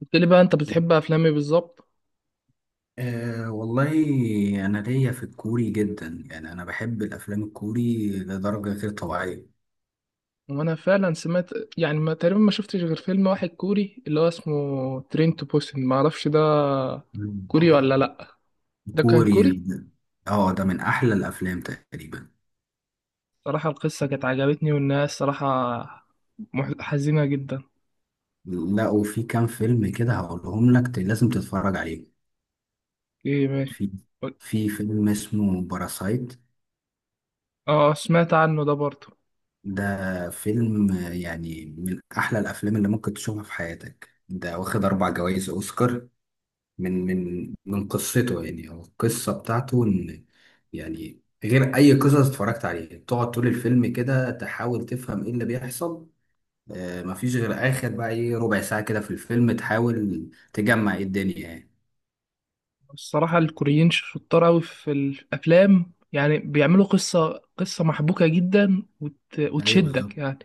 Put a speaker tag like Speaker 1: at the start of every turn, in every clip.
Speaker 1: قلت لي بقى انت بتحب افلامي بالظبط.
Speaker 2: أه والله. أنا ليا في الكوري جدا، يعني أنا بحب الأفلام الكوري لدرجة غير طبيعية.
Speaker 1: وانا فعلا سمعت، يعني ما تقريبا ما شفتش غير فيلم واحد كوري اللي هو اسمه ترين تو بوسن، ما اعرفش ده
Speaker 2: مم.
Speaker 1: كوري ولا لا. ده كان
Speaker 2: كوري.
Speaker 1: كوري.
Speaker 2: اه ده من أحلى الأفلام تقريبا.
Speaker 1: صراحة القصة كانت عجبتني، والناس صراحة حزينة جدا.
Speaker 2: لا وفي كام فيلم كده هقولهم لك، لازم تتفرج عليه.
Speaker 1: ايه ماشي.
Speaker 2: في في فيلم اسمه باراسايت.
Speaker 1: اه سمعت عنه ده برضه.
Speaker 2: ده فيلم يعني من أحلى الأفلام اللي ممكن تشوفها في حياتك. ده واخد 4 جوائز أوسكار من قصته. يعني هو القصة بتاعته إن، يعني غير أي قصص اتفرجت عليها، تقعد طول الفيلم كده تحاول تفهم إيه اللي بيحصل. آه، مفيش غير آخر بقى إيه ربع ساعة كده في الفيلم تحاول تجمع إيه الدنيا يعني.
Speaker 1: الصراحة الكوريين شطار أوي في الأفلام، يعني بيعملوا قصة محبوكة جدا
Speaker 2: أيوه بالظبط.
Speaker 1: وتشدك يعني.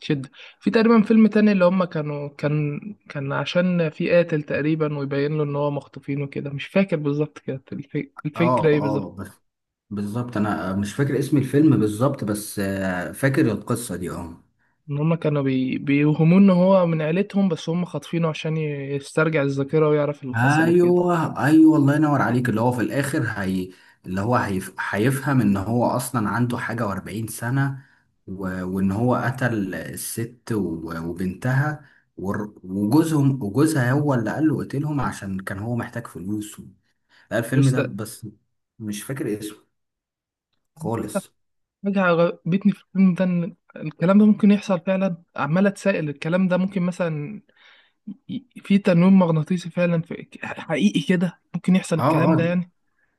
Speaker 1: تشدك. في تقريبا فيلم تاني اللي هما كان، كان عشان في قاتل تقريبا ويبين له إن هو مخطوفين وكده، مش فاكر بالظبط كده الفكرة إيه بالظبط.
Speaker 2: بس بالظبط أنا مش فاكر اسم الفيلم بالظبط، بس آه فاكر القصة دي. آه،
Speaker 1: إن هما كانوا بيوهموه إن هو من عيلتهم، بس هما خاطفينه عشان يسترجع الذاكرة ويعرف اللي حصل وكده.
Speaker 2: ايوه ايوه الله ينور عليك. اللي هو في الاخر هي، اللي هو هيفهم ان هو اصلا عنده حاجه و40 سنه، وان هو قتل الست وبنتها وجوزهم وجوزها، هو اللي قال له قتلهم عشان كان هو محتاج فلوس و... لا الفيلم
Speaker 1: بس
Speaker 2: ده
Speaker 1: ده
Speaker 2: بس مش فاكر اسمه خالص.
Speaker 1: حاجة عجبتني في الفيلم ده، إن الكلام ده ممكن يحصل فعلا. عمال أتسائل الكلام ده ممكن مثلا، في تنويم مغناطيسي فعلا، في حقيقي كده ممكن يحصل
Speaker 2: اه
Speaker 1: الكلام ده
Speaker 2: اه
Speaker 1: يعني؟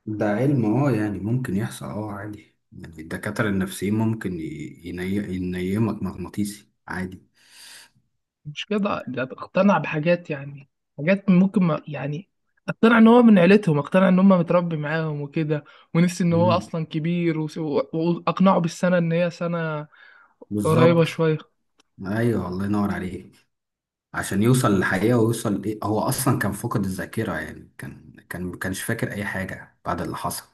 Speaker 2: ده علم، اه يعني ممكن يحصل، اه عادي. يعني الدكاتره النفسيين ممكن ينيمك مغناطيسي عادي.
Speaker 1: مش كده، ده اقتنع بحاجات يعني، حاجات ممكن، ما يعني اقتنع إن هو من عيلتهم، اقتنع إن هم متربي معاهم وكده، ونسي إن هو
Speaker 2: مم.
Speaker 1: أصلا كبير وأقنعه بالسنة إن هي سنة قريبة
Speaker 2: بالظبط.
Speaker 1: شوية.
Speaker 2: ايوه الله ينور عليك، عشان يوصل للحقيقه ويوصل ايه. هو اصلا كان فاقد الذاكره، يعني كان ما كانش فاكر اي حاجه بعد اللي حصل.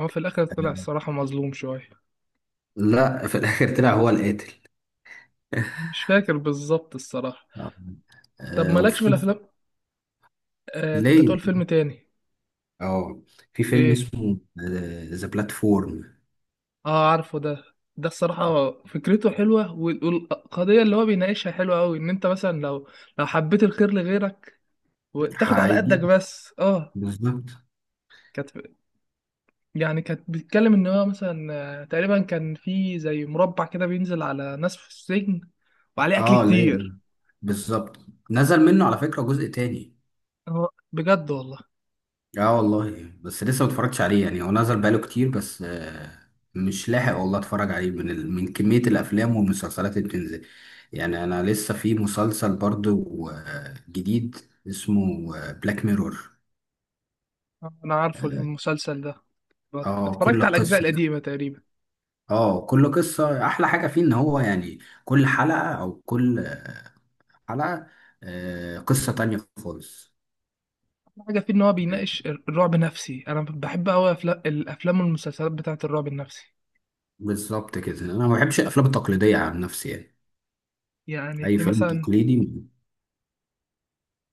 Speaker 1: هو في الآخر طلع الصراحة مظلوم شوية.
Speaker 2: لا في الاخر طلع هو القاتل.
Speaker 1: مش فاكر بالظبط الصراحة.
Speaker 2: آه.
Speaker 1: طب مالكش في
Speaker 2: وفي
Speaker 1: الأفلام؟ آه كنت هتقول
Speaker 2: ليه.
Speaker 1: فيلم تاني.
Speaker 2: اه في فيلم
Speaker 1: ايه.
Speaker 2: اسمه ذا بلاتفورم.
Speaker 1: اه عارفه ده. ده الصراحة فكرته حلوة والقضية اللي هو بيناقشها حلوة أوي، إن أنت مثلا لو، لو حبيت الخير لغيرك وتاخد على قدك
Speaker 2: هيجي
Speaker 1: بس اه.
Speaker 2: بالظبط.
Speaker 1: كانت، يعني كانت بتتكلم إن هو مثلا، آه، تقريبا كان في زي مربع كده بينزل على ناس في السجن وعليه أكل
Speaker 2: اه ليه.
Speaker 1: كتير.
Speaker 2: بالظبط، نزل منه على فكره جزء تاني.
Speaker 1: اه بجد والله.
Speaker 2: اه والله بس لسه ما اتفرجتش عليه، يعني هو نزل بقاله كتير بس مش لاحق والله اتفرج عليه من من كمية الافلام والمسلسلات اللي بتنزل. يعني انا لسه في مسلسل برضو جديد اسمه بلاك ميرور.
Speaker 1: آه، أنا عارفه
Speaker 2: اه،
Speaker 1: المسلسل ده. اتفرجت
Speaker 2: كل
Speaker 1: على الأجزاء
Speaker 2: قصة.
Speaker 1: القديمة تقريبا.
Speaker 2: اه كل قصة احلى حاجة فيه ان هو يعني كل حلقة او كل حلقة، قصة تانية خالص
Speaker 1: حاجة فيه إن هو
Speaker 2: يعني.
Speaker 1: بيناقش الرعب النفسي. أنا بحب أوي الأفلام والمسلسلات بتاعة الرعب النفسي.
Speaker 2: بالظبط كده، انا ما بحبش الافلام التقليدية عن نفسي يعني،
Speaker 1: يعني
Speaker 2: اي
Speaker 1: في
Speaker 2: فيلم
Speaker 1: مثلا،
Speaker 2: تقليدي.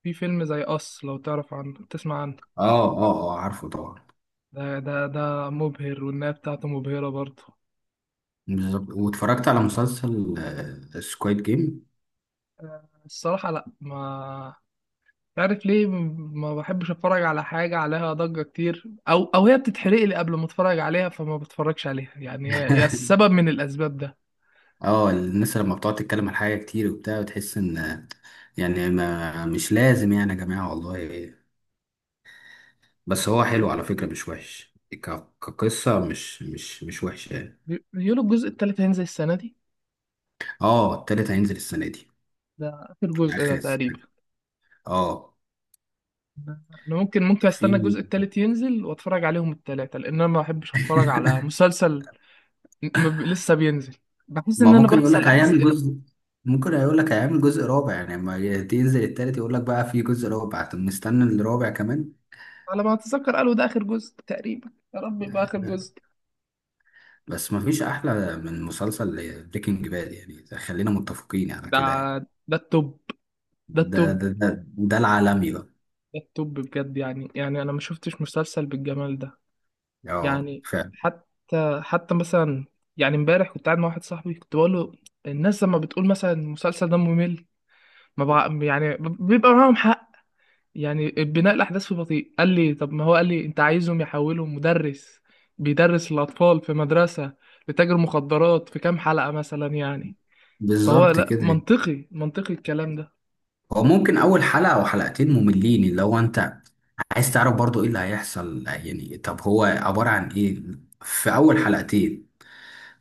Speaker 1: في فيلم زي أص، لو تعرف عنه، تسمع عنه.
Speaker 2: اه اه اه عارفه طبعا.
Speaker 1: ده مبهر والنهاية بتاعته مبهرة برضه.
Speaker 2: بالظبط. واتفرجت على مسلسل سكويد جيم.
Speaker 1: الصراحة لأ، ما تعرف ليه ما بحبش أتفرج على حاجة عليها ضجة كتير، أو أو هي بتتحرق لي قبل ما أتفرج عليها، فما بتفرجش عليها يعني، هي هي السبب من الأسباب ده.
Speaker 2: اه الناس لما بتقعد تتكلم عن حاجة كتير وبتاع، بتحس ان يعني ما مش لازم يعني يا جماعة والله. بس هو حلو على فكرة، مش وحش كقصة، مش وحشة يعني.
Speaker 1: بيقولوا الجزء التالت هينزل السنة دي.
Speaker 2: اه التالت هينزل السنة دي،
Speaker 1: ده آخر جزء ده
Speaker 2: آخر السنة.
Speaker 1: تقريبا.
Speaker 2: اه
Speaker 1: انا ممكن استنى الجزء
Speaker 2: في.
Speaker 1: التالت ينزل واتفرج عليهم التلاتة، لان انا ما بحبش اتفرج على مسلسل لسه بينزل، بحس
Speaker 2: ما
Speaker 1: ان انا
Speaker 2: ممكن يقول
Speaker 1: بنسى
Speaker 2: لك
Speaker 1: الاحداث
Speaker 2: هيعمل
Speaker 1: القديمة.
Speaker 2: جزء، ممكن يقول لك هيعمل جزء رابع. يعني لما تنزل التالت يقول لك بقى في جزء رابع، طب مستني الرابع كمان.
Speaker 1: على ما اتذكر قالوا ده اخر جزء تقريبا، يا رب يبقى اخر جزء.
Speaker 2: بس مفيش احلى من مسلسل بريكنج باد يعني، خلينا متفقين على
Speaker 1: ده
Speaker 2: كده يعني.
Speaker 1: ده التوب. ده
Speaker 2: ده
Speaker 1: التوب.
Speaker 2: ده ده ده العالمي بقى.
Speaker 1: ده التوب بجد يعني، يعني انا ما شفتش مسلسل بالجمال ده.
Speaker 2: اه
Speaker 1: يعني
Speaker 2: فعلا.
Speaker 1: حتى مثلا، يعني امبارح كنت قاعد مع واحد صاحبي كنت بقول له، الناس لما بتقول مثلا المسلسل ده ممل، ما بقى يعني بيبقى معاهم حق. يعني بناء الاحداث في بطيء. قال لي طب ما هو قال لي انت عايزهم يحولوا مدرس بيدرس الاطفال في مدرسه لتاجر مخدرات في كام حلقه مثلا يعني. فهو
Speaker 2: بالظبط
Speaker 1: لا،
Speaker 2: كده يعني.
Speaker 1: منطقي منطقي الكلام ده.
Speaker 2: هو ممكن اول حلقه او حلقتين مملين، اللي هو انت عايز تعرف برضو ايه اللي هيحصل يعني، طب هو عباره عن ايه في اول حلقتين.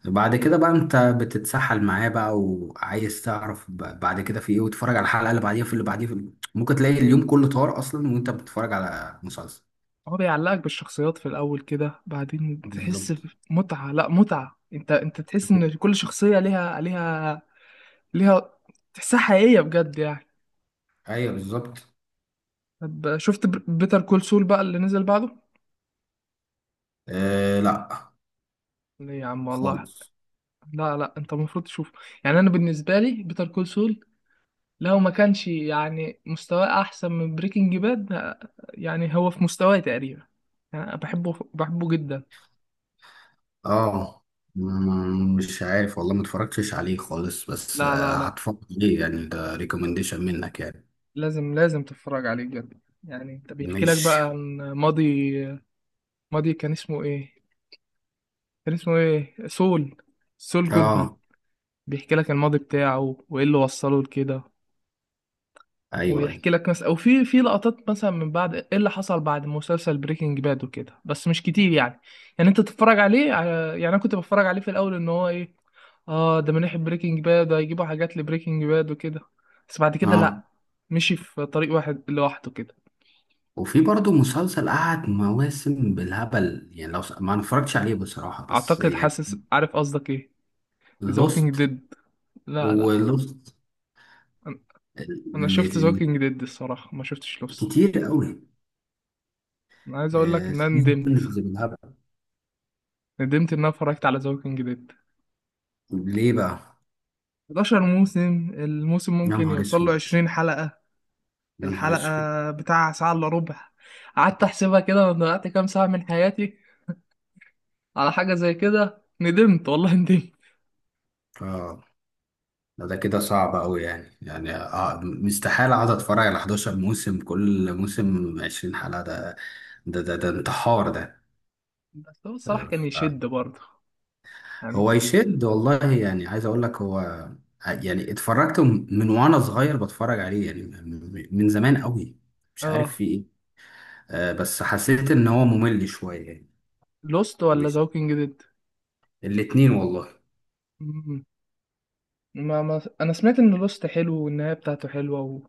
Speaker 2: بعد كده بقى انت بتتسحل معاه بقى وعايز تعرف بعد كده في ايه، وتتفرج على الحلقه اللي بعديها، في اللي بعديها، ممكن تلاقي اليوم كله طار اصلا وانت بتتفرج على مسلسل.
Speaker 1: هو بيعلقك بالشخصيات في الاول كده، بعدين تحس
Speaker 2: بالظبط.
Speaker 1: بمتعه، لا متعه، انت تحس ان كل شخصيه ليها، ليها، ليها، تحسها حقيقيه بجد يعني.
Speaker 2: ايوه بالظبط.
Speaker 1: طب شفت بيتر كول سول بقى اللي نزل بعده؟
Speaker 2: آه لا
Speaker 1: ليه يا عم والله.
Speaker 2: خالص.
Speaker 1: لا انت المفروض تشوفه. يعني انا بالنسبه لي بيتر كول، لو ما كانش يعني مستواه احسن من بريكنج باد، يعني هو في مستواه تقريبا. يعني انا بحبه جدا.
Speaker 2: اه مم، مش عارف والله ما اتفرجتش عليه خالص، بس
Speaker 1: لا لا لا
Speaker 2: هتفرج عليه يعني، ده ريكومنديشن منك يعني.
Speaker 1: لازم تتفرج عليه بجد يعني. انت بيحكي لك
Speaker 2: ماشي.
Speaker 1: بقى عن ماضي، ماضي كان اسمه ايه، كان اسمه ايه سول، سول جودمان.
Speaker 2: اه
Speaker 1: بيحكي لك الماضي بتاعه وايه اللي وصله لكده.
Speaker 2: ايوه ايوه.
Speaker 1: ويحكي لك مثلا، او في لقطات مثلا من بعد ايه اللي حصل بعد مسلسل بريكنج باد وكده، بس مش كتير يعني. يعني انت تتفرج عليه. يعني انا كنت بتفرج عليه في الاول ان هو ايه، اه ده من ناحية بريكنج باد، هيجيبوا حاجات لبريكنج باد وكده، بس بعد كده
Speaker 2: اه
Speaker 1: لا، مشي في طريق واحد لوحده كده.
Speaker 2: وفي برضه مسلسل قعد مواسم بالهبل يعني، ما أنا اتفرجتش عليه بصراحة بس
Speaker 1: اعتقد
Speaker 2: يعني.
Speaker 1: حاسس، عارف قصدك ايه، ذا ووكينج
Speaker 2: لوست.
Speaker 1: ديد. لا لا
Speaker 2: ولوست
Speaker 1: انا، أنا
Speaker 2: ال-
Speaker 1: شفت ذا
Speaker 2: ال-
Speaker 1: ووكينج ديد، الصراحة ما شفتش لوست.
Speaker 2: كتير قوي.
Speaker 1: انا عايز اقول لك
Speaker 2: آه،
Speaker 1: ان انا ندمت،
Speaker 2: سيزونز بالهبل.
Speaker 1: ندمت ان انا اتفرجت على ذا ووكينج ديد.
Speaker 2: ليه بقى.
Speaker 1: 11 موسم، الموسم
Speaker 2: يا
Speaker 1: ممكن
Speaker 2: نهار
Speaker 1: يوصل له
Speaker 2: اسود،
Speaker 1: 20 حلقة،
Speaker 2: يا نهار اسود.
Speaker 1: الحلقة بتاع ساعة الا ربع. قعدت احسبها كده، انا ضيعت كام ساعة من حياتي على حاجة زي كده. ندمت والله ندمت.
Speaker 2: اه لا ده كده صعب أوي يعني، يعني آه مستحيل أقعد أتفرج على 11 موسم، كل موسم 20 حلقة. ده ده انتحار ده.
Speaker 1: بس هو الصراحة كان
Speaker 2: آه،
Speaker 1: يشد برضه
Speaker 2: هو
Speaker 1: يعني.
Speaker 2: يشد والله. يعني عايز أقول لك هو يعني اتفرجت من وأنا صغير بتفرج عليه، يعني من زمان أوي. مش عارف
Speaker 1: اه.
Speaker 2: في إيه. بس حسيت إن هو ممل شوية يعني.
Speaker 1: لوست ولا ذا
Speaker 2: مش،
Speaker 1: ووكينج ديد؟
Speaker 2: الاتنين والله.
Speaker 1: مم. ما ما انا سمعت ان لوست حلو والنهاية بتاعته حلوة و...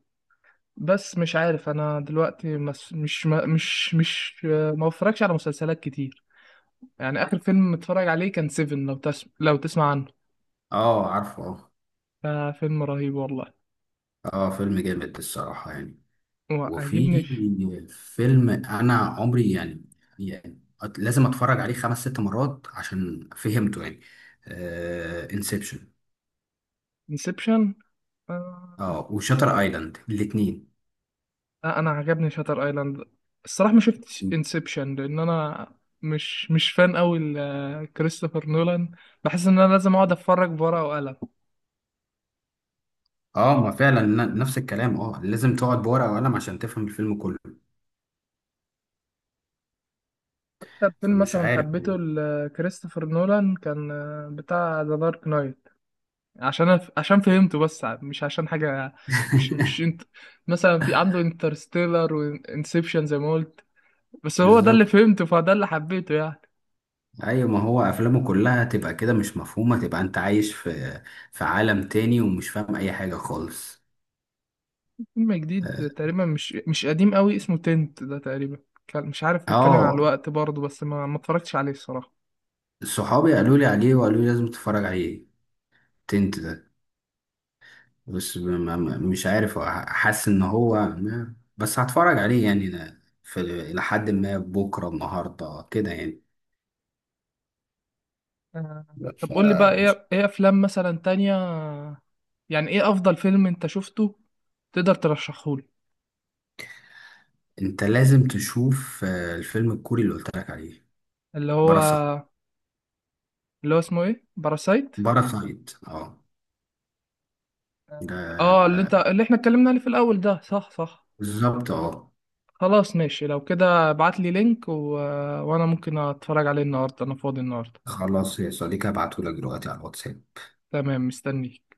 Speaker 1: بس مش عارف انا دلوقتي مس... مش ما... مش مش آه، ما بفرجش على مسلسلات كتير يعني. اخر فيلم متفرج عليه كان سيفن، لو تسمع عنه.
Speaker 2: اه عارفه اه.
Speaker 1: آه فيلم رهيب والله.
Speaker 2: اه فيلم جامد الصراحة يعني. وفي
Speaker 1: وعجبني
Speaker 2: فيلم انا عمري يعني، يعني لازم اتفرج عليه 5 6 مرات عشان فهمته يعني، انسبشن.
Speaker 1: انسبشن.
Speaker 2: اه وشاتر ايلاند الاثنين.
Speaker 1: لا انا عجبني شاتر ايلاند. الصراحه ما شفتش انسبشن، لان انا مش فان قوي لكريستوفر نولان، بحس ان انا لازم اقعد اتفرج بورقه وقلم.
Speaker 2: اه ما فعلا نفس الكلام. اه لازم تقعد بورقة وقلم عشان تفهم الفيلم كله،
Speaker 1: اكتر فيلم
Speaker 2: فمش
Speaker 1: مثلا
Speaker 2: عارف.
Speaker 1: حبيته لكريستوفر نولان كان آه، بتاع ذا دارك نايت، عشان فهمته بس، مش عشان حاجه. مش انت، مثلا في عنده انترستيلر وانسبشن زي ما قلت، بس هو ده اللي
Speaker 2: بالظبط.
Speaker 1: فهمته فده اللي حبيته يعني.
Speaker 2: ايوه ما هو افلامه كلها تبقى كده مش مفهومة، تبقى انت عايش في في عالم تاني ومش فاهم اي حاجة خالص.
Speaker 1: فيلم
Speaker 2: اه.
Speaker 1: جديد تقريبا، مش قديم قوي، اسمه تنت ده تقريبا. مش عارف، بيتكلم على
Speaker 2: آه،
Speaker 1: الوقت برضه، بس ما اتفرجتش عليه الصراحة.
Speaker 2: صحابي قالوا لي عليه وقالوا لي لازم تتفرج عليه، تنت ده. بس مش عارف، حاسس ان هو بس هتفرج عليه. يعني أنا في الى حد ما بكره النهارده كده يعني.
Speaker 1: آه،
Speaker 2: لا،
Speaker 1: طب قول لي بقى
Speaker 2: فمش.
Speaker 1: ايه، ايه افلام مثلا تانية، يعني ايه افضل فيلم انت شفته تقدر ترشحه لي.
Speaker 2: انت لازم تشوف الفيلم الكوري اللي قلت لك عليه،
Speaker 1: اللي هو.
Speaker 2: باراسايت.
Speaker 1: اللي هو اسمه ايه، باراسايت؟
Speaker 2: اه ده.
Speaker 1: اه
Speaker 2: ده
Speaker 1: اللي انت، اللي احنا اتكلمنا عليه في الاول ده، صح صح.
Speaker 2: بالظبط اه.
Speaker 1: خلاص ماشي لو كده، ابعت لي لينك و... وانا ممكن اتفرج عليه النهارده، انا فاضي النهارده.
Speaker 2: خلاص يا صديقي، هبعتهولك دلوقتي على الواتساب.
Speaker 1: تمام مستنيك.